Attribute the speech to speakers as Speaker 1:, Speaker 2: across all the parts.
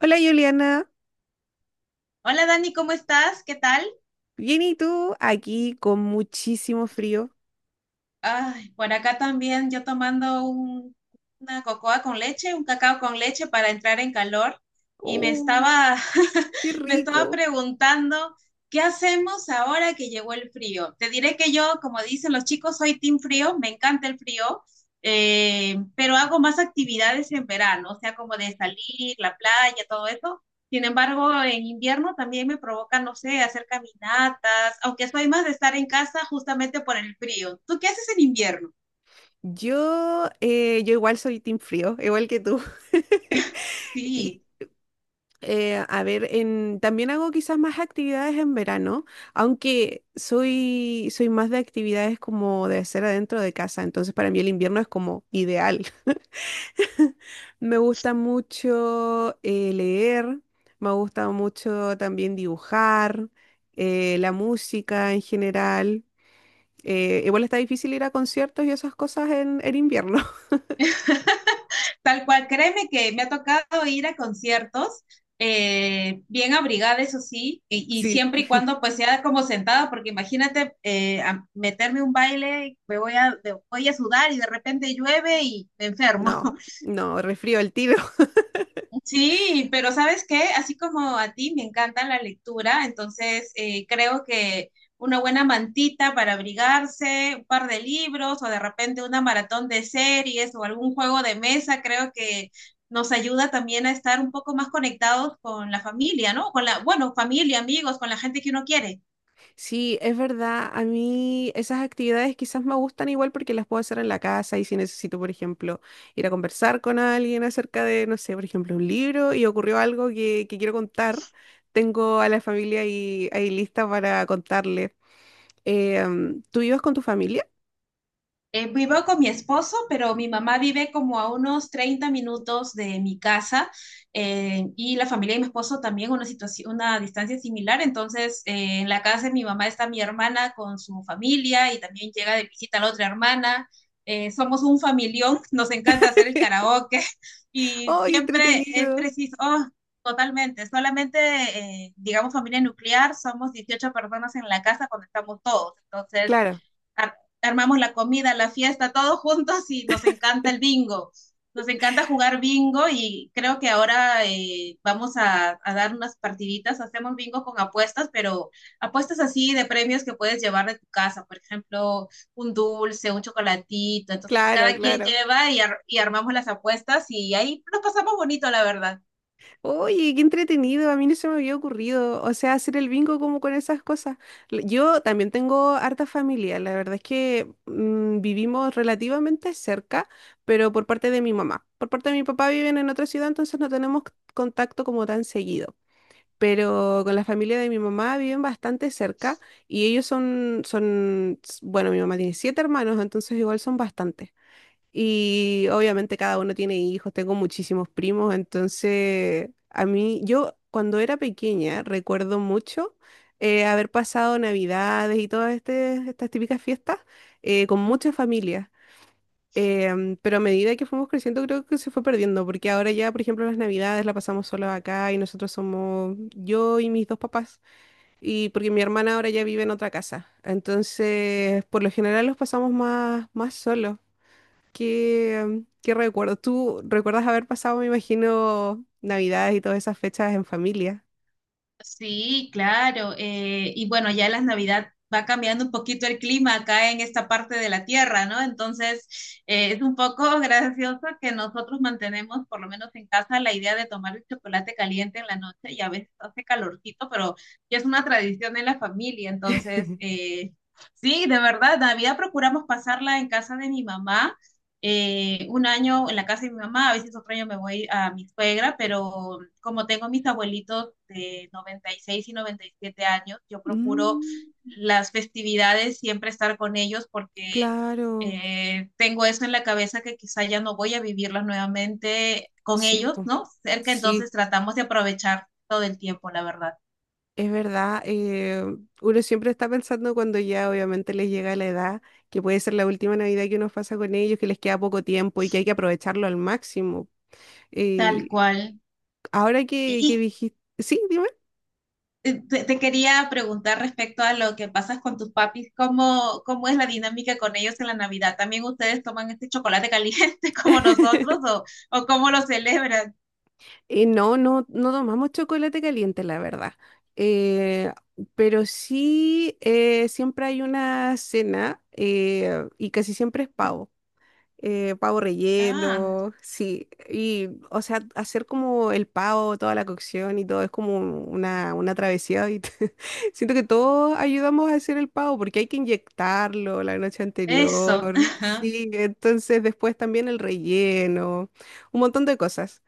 Speaker 1: Hola Juliana,
Speaker 2: Hola Dani, ¿cómo estás? ¿Qué tal?
Speaker 1: bien y tú aquí con muchísimo frío.
Speaker 2: Ay, por acá también yo tomando una cocoa con leche, un cacao con leche para entrar en calor y me
Speaker 1: Oh,
Speaker 2: estaba,
Speaker 1: qué
Speaker 2: me estaba
Speaker 1: rico.
Speaker 2: preguntando, ¿qué hacemos ahora que llegó el frío? Te diré que yo, como dicen los chicos, soy team frío, me encanta el frío, pero hago más actividades en verano, o sea, como de salir, la playa, todo eso. Sin embargo, en invierno también me provoca, no sé, hacer caminatas, aunque soy más de estar en casa justamente por el frío. ¿Tú qué haces en invierno?
Speaker 1: Yo igual soy team frío, igual que tú. Y
Speaker 2: Sí,
Speaker 1: también hago quizás más actividades en verano, aunque soy más de actividades como de hacer adentro de casa, entonces para mí el invierno es como ideal. Me gusta mucho leer, me gusta mucho también dibujar, la música en general. Igual está difícil ir a conciertos y esas cosas en invierno.
Speaker 2: tal cual, créeme que me ha tocado ir a conciertos bien abrigada, eso sí, y
Speaker 1: Sí,
Speaker 2: siempre y cuando pues sea como sentada, porque imagínate a meterme un baile, me voy a sudar y de repente llueve y me enfermo.
Speaker 1: no, no, resfrío el tiro.
Speaker 2: Sí, pero ¿sabes qué? Así como a ti me encanta la lectura, entonces creo que una buena mantita para abrigarse, un par de libros o de repente una maratón de series o algún juego de mesa, creo que nos ayuda también a estar un poco más conectados con la familia, ¿no? Con la, bueno, familia, amigos, con la gente que uno quiere.
Speaker 1: Sí, es verdad. A mí esas actividades quizás me gustan igual porque las puedo hacer en la casa y si necesito, por ejemplo, ir a conversar con alguien acerca de, no sé, por ejemplo, un libro y ocurrió algo que quiero contar, tengo a la familia ahí, ahí lista para contarle. Eh, ¿Tú ibas con tu familia?
Speaker 2: Vivo con mi esposo, pero mi mamá vive como a unos 30 minutos de mi casa y la familia de mi esposo también una situación, una distancia similar. Entonces, en la casa de mi mamá está mi hermana con su familia y también llega de visita la otra hermana. Somos un familión, nos encanta hacer el karaoke y
Speaker 1: ¡Ay,
Speaker 2: siempre es
Speaker 1: entretenido!
Speaker 2: preciso, oh, totalmente, solamente, digamos, familia nuclear, somos 18 personas en la casa cuando estamos todos. Entonces
Speaker 1: Claro,
Speaker 2: ar- armamos la comida, la fiesta, todos juntos y nos encanta el bingo. Nos encanta jugar bingo y creo que ahora vamos a dar unas partiditas. Hacemos bingo con apuestas, pero apuestas así de premios que puedes llevar de tu casa. Por ejemplo, un dulce, un chocolatito. Entonces, cada quien
Speaker 1: claro.
Speaker 2: lleva y, y armamos las apuestas y ahí nos pasamos bonito, la verdad.
Speaker 1: Oye, qué entretenido, a mí no se me había ocurrido, o sea, hacer el bingo como con esas cosas. Yo también tengo harta familia, la verdad es que mm, vivimos relativamente cerca, pero por parte de mi mamá. Por parte de mi papá viven en otra ciudad, entonces no tenemos contacto como tan seguido. Pero con la familia de mi mamá viven bastante cerca y ellos bueno, mi mamá tiene siete hermanos, entonces igual son bastantes. Y obviamente cada uno tiene hijos, tengo muchísimos primos, entonces a mí, yo cuando era pequeña recuerdo mucho haber pasado Navidades y todas estas típicas fiestas con muchas familias. Pero a medida que fuimos creciendo creo que se fue perdiendo, porque ahora ya, por ejemplo, las Navidades la pasamos solos acá y nosotros somos yo y mis dos papás, y porque mi hermana ahora ya vive en otra casa. Entonces, por lo general los pasamos más solos. Qué recuerdo? ¿Tú recuerdas haber pasado, me imagino, Navidades y todas esas fechas en familia?
Speaker 2: Sí, claro. Y bueno, ya las Navidad va cambiando un poquito el clima acá en esta parte de la Tierra, ¿no? Entonces, es un poco gracioso que nosotros mantenemos, por lo menos en casa, la idea de tomar el chocolate caliente en la noche y a veces hace calorcito, pero ya es una tradición en la familia. Entonces, sí, de verdad, Navidad procuramos pasarla en casa de mi mamá. Un año en la casa de mi mamá, a veces otro año me voy a mi suegra, pero como tengo mis abuelitos de 96 y 97 años, yo procuro
Speaker 1: Mm,
Speaker 2: las festividades siempre estar con ellos porque
Speaker 1: claro,
Speaker 2: tengo eso en la cabeza que quizá ya no voy a vivirlas nuevamente con
Speaker 1: sí,
Speaker 2: ellos,
Speaker 1: po,
Speaker 2: ¿no? Cerca,
Speaker 1: sí,
Speaker 2: entonces tratamos de aprovechar todo el tiempo, la verdad.
Speaker 1: es verdad. Uno siempre está pensando cuando ya obviamente les llega la edad, que puede ser la última Navidad que uno pasa con ellos, que les queda poco tiempo y que hay que aprovecharlo al máximo.
Speaker 2: Tal
Speaker 1: Eh,
Speaker 2: cual.
Speaker 1: Ahora que
Speaker 2: Y,
Speaker 1: dijiste... Sí, dime.
Speaker 2: te, te quería preguntar respecto a lo que pasas con tus papis, ¿cómo, cómo es la dinámica con ellos en la Navidad? ¿También ustedes toman este chocolate caliente como nosotros o cómo lo celebran?
Speaker 1: No tomamos chocolate caliente, la verdad. Eh, pero sí, siempre hay una cena y casi siempre es pavo. Pavo
Speaker 2: Ah,
Speaker 1: relleno, sí. Y, o sea, hacer como el pavo, toda la cocción y todo es como una travesía. Y siento que todos ayudamos a hacer el pavo porque hay que inyectarlo la noche
Speaker 2: eso.
Speaker 1: anterior.
Speaker 2: Ajá.
Speaker 1: Sí, entonces después también el relleno, un montón de cosas.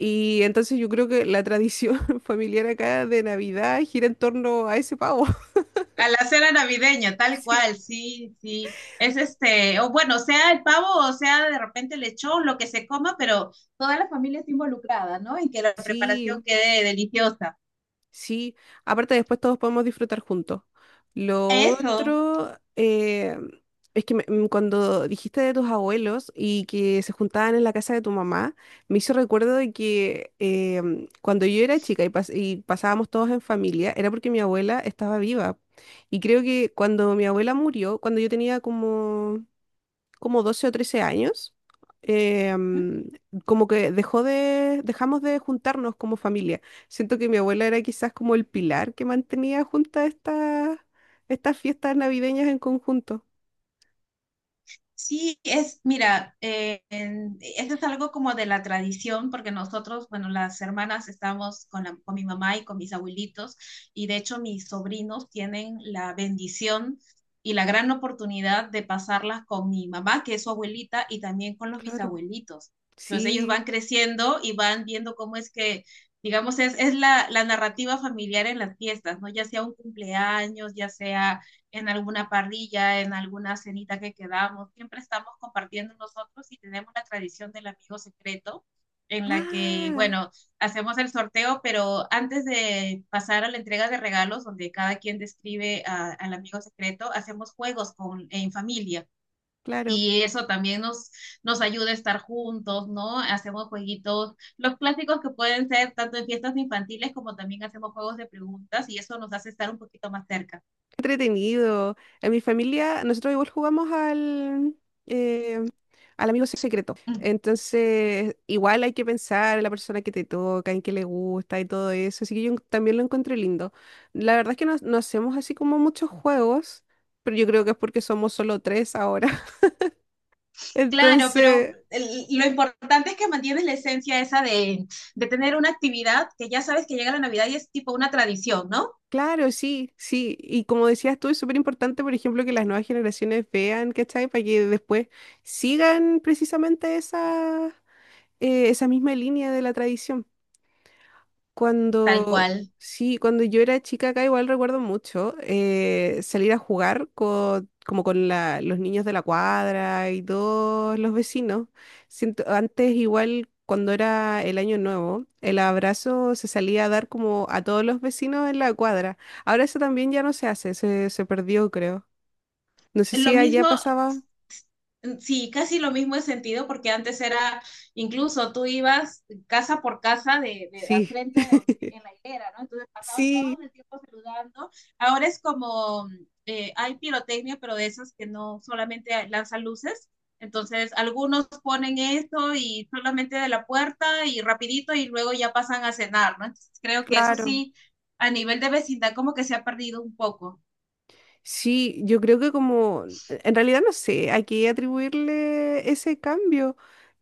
Speaker 1: Y entonces yo creo que la tradición familiar acá de Navidad gira en torno a ese pavo.
Speaker 2: A la cena navideña, tal
Speaker 1: Sí.
Speaker 2: cual, sí, sí. Es este, o bueno, sea el pavo o sea de repente el lechón, lo que se coma, pero toda la familia está involucrada, ¿no? En que la preparación
Speaker 1: Sí,
Speaker 2: quede deliciosa.
Speaker 1: sí. Aparte después todos podemos disfrutar juntos. Lo
Speaker 2: Eso.
Speaker 1: otro es que mm, cuando dijiste de tus abuelos y que se juntaban en la casa de tu mamá, me hizo recuerdo de que mm, cuando yo era chica y pasábamos todos en familia, era porque mi abuela estaba viva. Y creo que cuando mi abuela murió, cuando yo tenía como 12 o 13 años, eh, mm, como que dejamos de juntarnos como familia. Siento que mi abuela era quizás como el pilar que mantenía juntas estas fiestas navideñas en conjunto.
Speaker 2: Sí, es, mira, eso es algo como de la tradición, porque nosotros, bueno, las hermanas estamos con, con mi mamá y con mis abuelitos, y de hecho mis sobrinos tienen la bendición y la gran oportunidad de pasarlas con mi mamá, que es su abuelita, y también con los
Speaker 1: Claro,
Speaker 2: bisabuelitos. Entonces ellos
Speaker 1: sí.
Speaker 2: van creciendo y van viendo cómo es que, digamos, es la, la narrativa familiar en las fiestas, ¿no? Ya sea un cumpleaños, ya sea en alguna parrilla, en alguna cenita que quedamos, siempre estamos compartiendo nosotros y tenemos la tradición del amigo secreto en la que,
Speaker 1: Ah,
Speaker 2: bueno, hacemos el sorteo, pero antes de pasar a la entrega de regalos, donde cada quien describe a, al amigo secreto, hacemos juegos con, en familia.
Speaker 1: claro.
Speaker 2: Y eso también nos ayuda a estar juntos, ¿no? Hacemos jueguitos, los clásicos que pueden ser tanto en fiestas infantiles como también hacemos juegos de preguntas y eso nos hace estar un poquito más cerca.
Speaker 1: Entretenido. En mi familia, nosotros igual jugamos eh, al amigo secreto. Entonces, igual hay que pensar en la persona que te toca, en qué le gusta y todo eso. Así que yo también lo encontré lindo. La verdad es que no, no hacemos así como muchos juegos, pero yo creo que es porque somos solo tres ahora.
Speaker 2: Claro, pero
Speaker 1: Entonces...
Speaker 2: lo importante es que mantienes la esencia esa de tener una actividad que ya sabes que llega la Navidad y es tipo una tradición, ¿no?
Speaker 1: Claro, sí, sí. Y como decías tú, es súper importante, por ejemplo, que las nuevas generaciones vean, ¿cachai? Para que después sigan precisamente esa misma línea de la tradición.
Speaker 2: Tal
Speaker 1: Cuando,
Speaker 2: cual.
Speaker 1: sí, cuando yo era chica acá igual recuerdo mucho salir a jugar como con los niños de la cuadra y todos los vecinos. Siento, antes igual cuando era el año nuevo, el abrazo se salía a dar como a todos los vecinos en la cuadra. Ahora eso también ya no se hace, se perdió creo. No sé
Speaker 2: Lo
Speaker 1: si allá
Speaker 2: mismo,
Speaker 1: pasaba.
Speaker 2: sí, casi lo mismo en sentido, porque antes era, incluso tú ibas casa por casa de al
Speaker 1: Sí,
Speaker 2: frente donde, en la hilera, ¿no? Entonces pasabas todo
Speaker 1: sí,
Speaker 2: el tiempo saludando. Ahora es como, hay pirotecnia, pero de esas que no solamente lanzan luces. Entonces, algunos ponen esto y solamente de la puerta y rapidito y luego ya pasan a cenar, ¿no? Entonces, creo que eso
Speaker 1: claro.
Speaker 2: sí, a nivel de vecindad, como que se ha perdido un poco.
Speaker 1: Sí, yo creo que como, en realidad no sé a qué atribuirle ese cambio.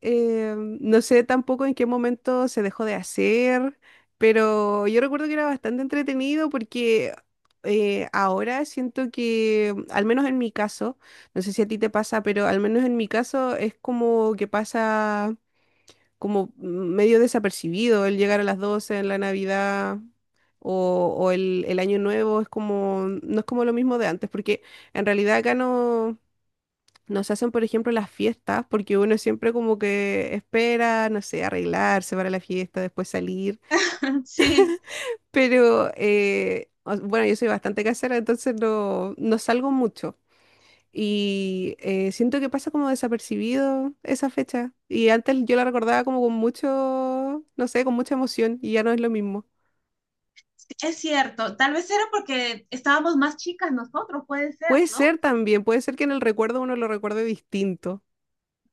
Speaker 1: No sé tampoco en qué momento se dejó de hacer, pero yo recuerdo que era bastante entretenido porque ahora siento que, al menos en mi caso, no sé si a ti te pasa, pero al menos en mi caso es como que pasa como medio desapercibido el llegar a las 12 en la Navidad o, el Año Nuevo, es como, no es como lo mismo de antes, porque en realidad acá no nos hacen, por ejemplo, las fiestas, porque uno siempre como que espera, no sé, arreglarse para la fiesta, después salir,
Speaker 2: Sí.
Speaker 1: pero bueno, yo soy bastante casera, entonces no, no salgo mucho. Y siento que pasa como desapercibido esa fecha. Y antes yo la recordaba como con mucho, no sé, con mucha emoción y ya no es lo mismo.
Speaker 2: Es cierto, tal vez era porque estábamos más chicas nosotros, puede ser,
Speaker 1: Puede
Speaker 2: ¿no?
Speaker 1: ser también, puede ser que en el recuerdo uno lo recuerde distinto.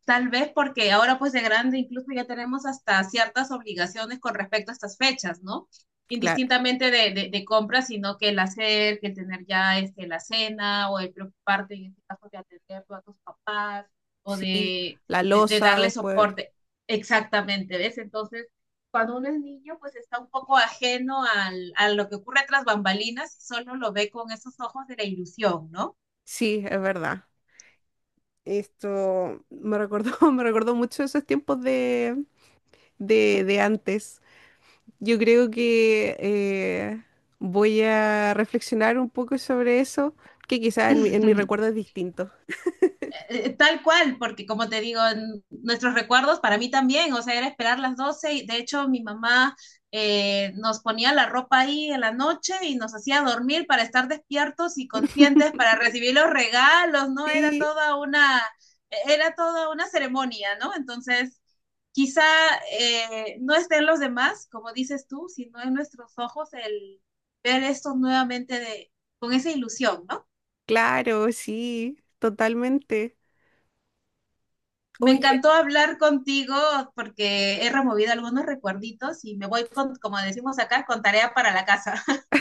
Speaker 2: Tal vez porque ahora pues de grande incluso ya tenemos hasta ciertas obligaciones con respecto a estas fechas, ¿no?
Speaker 1: Claro,
Speaker 2: Indistintamente de, de compras, sino que el hacer, que el tener ya este, la cena o el preocuparte en este caso de atender a tus papás o
Speaker 1: sí,
Speaker 2: de,
Speaker 1: la
Speaker 2: de
Speaker 1: losa
Speaker 2: darle
Speaker 1: después.
Speaker 2: soporte. Exactamente, ¿ves? Entonces, cuando uno es niño, pues está un poco ajeno al, a lo que ocurre tras bambalinas y solo lo ve con esos ojos de la ilusión, ¿no?
Speaker 1: Sí, es verdad. Esto me recordó, me recordó mucho esos tiempos de antes. Yo creo que voy a reflexionar un poco sobre eso, que quizás en mi recuerdo es distinto.
Speaker 2: Tal cual, porque como te digo, en nuestros recuerdos para mí también, o sea, era esperar las 12 y de hecho mi mamá nos ponía la ropa ahí en la noche y nos hacía dormir para estar despiertos y conscientes para recibir los regalos, ¿no?
Speaker 1: Sí,
Speaker 2: Era toda una ceremonia, ¿no? Entonces, quizá no estén los demás, como dices tú, sino en nuestros ojos el ver esto nuevamente de, con esa ilusión, ¿no?
Speaker 1: claro, sí, totalmente.
Speaker 2: Me
Speaker 1: Oye,
Speaker 2: encantó hablar contigo porque he removido algunos recuerditos y me voy, con, como decimos acá, con tarea para la casa.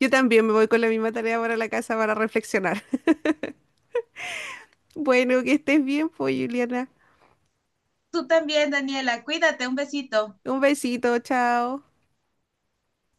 Speaker 1: yo también me voy con la misma tarea para la casa para reflexionar. Bueno, que estés bien, pues, Juliana.
Speaker 2: Tú también, Daniela. Cuídate, un besito.
Speaker 1: Un besito, chao.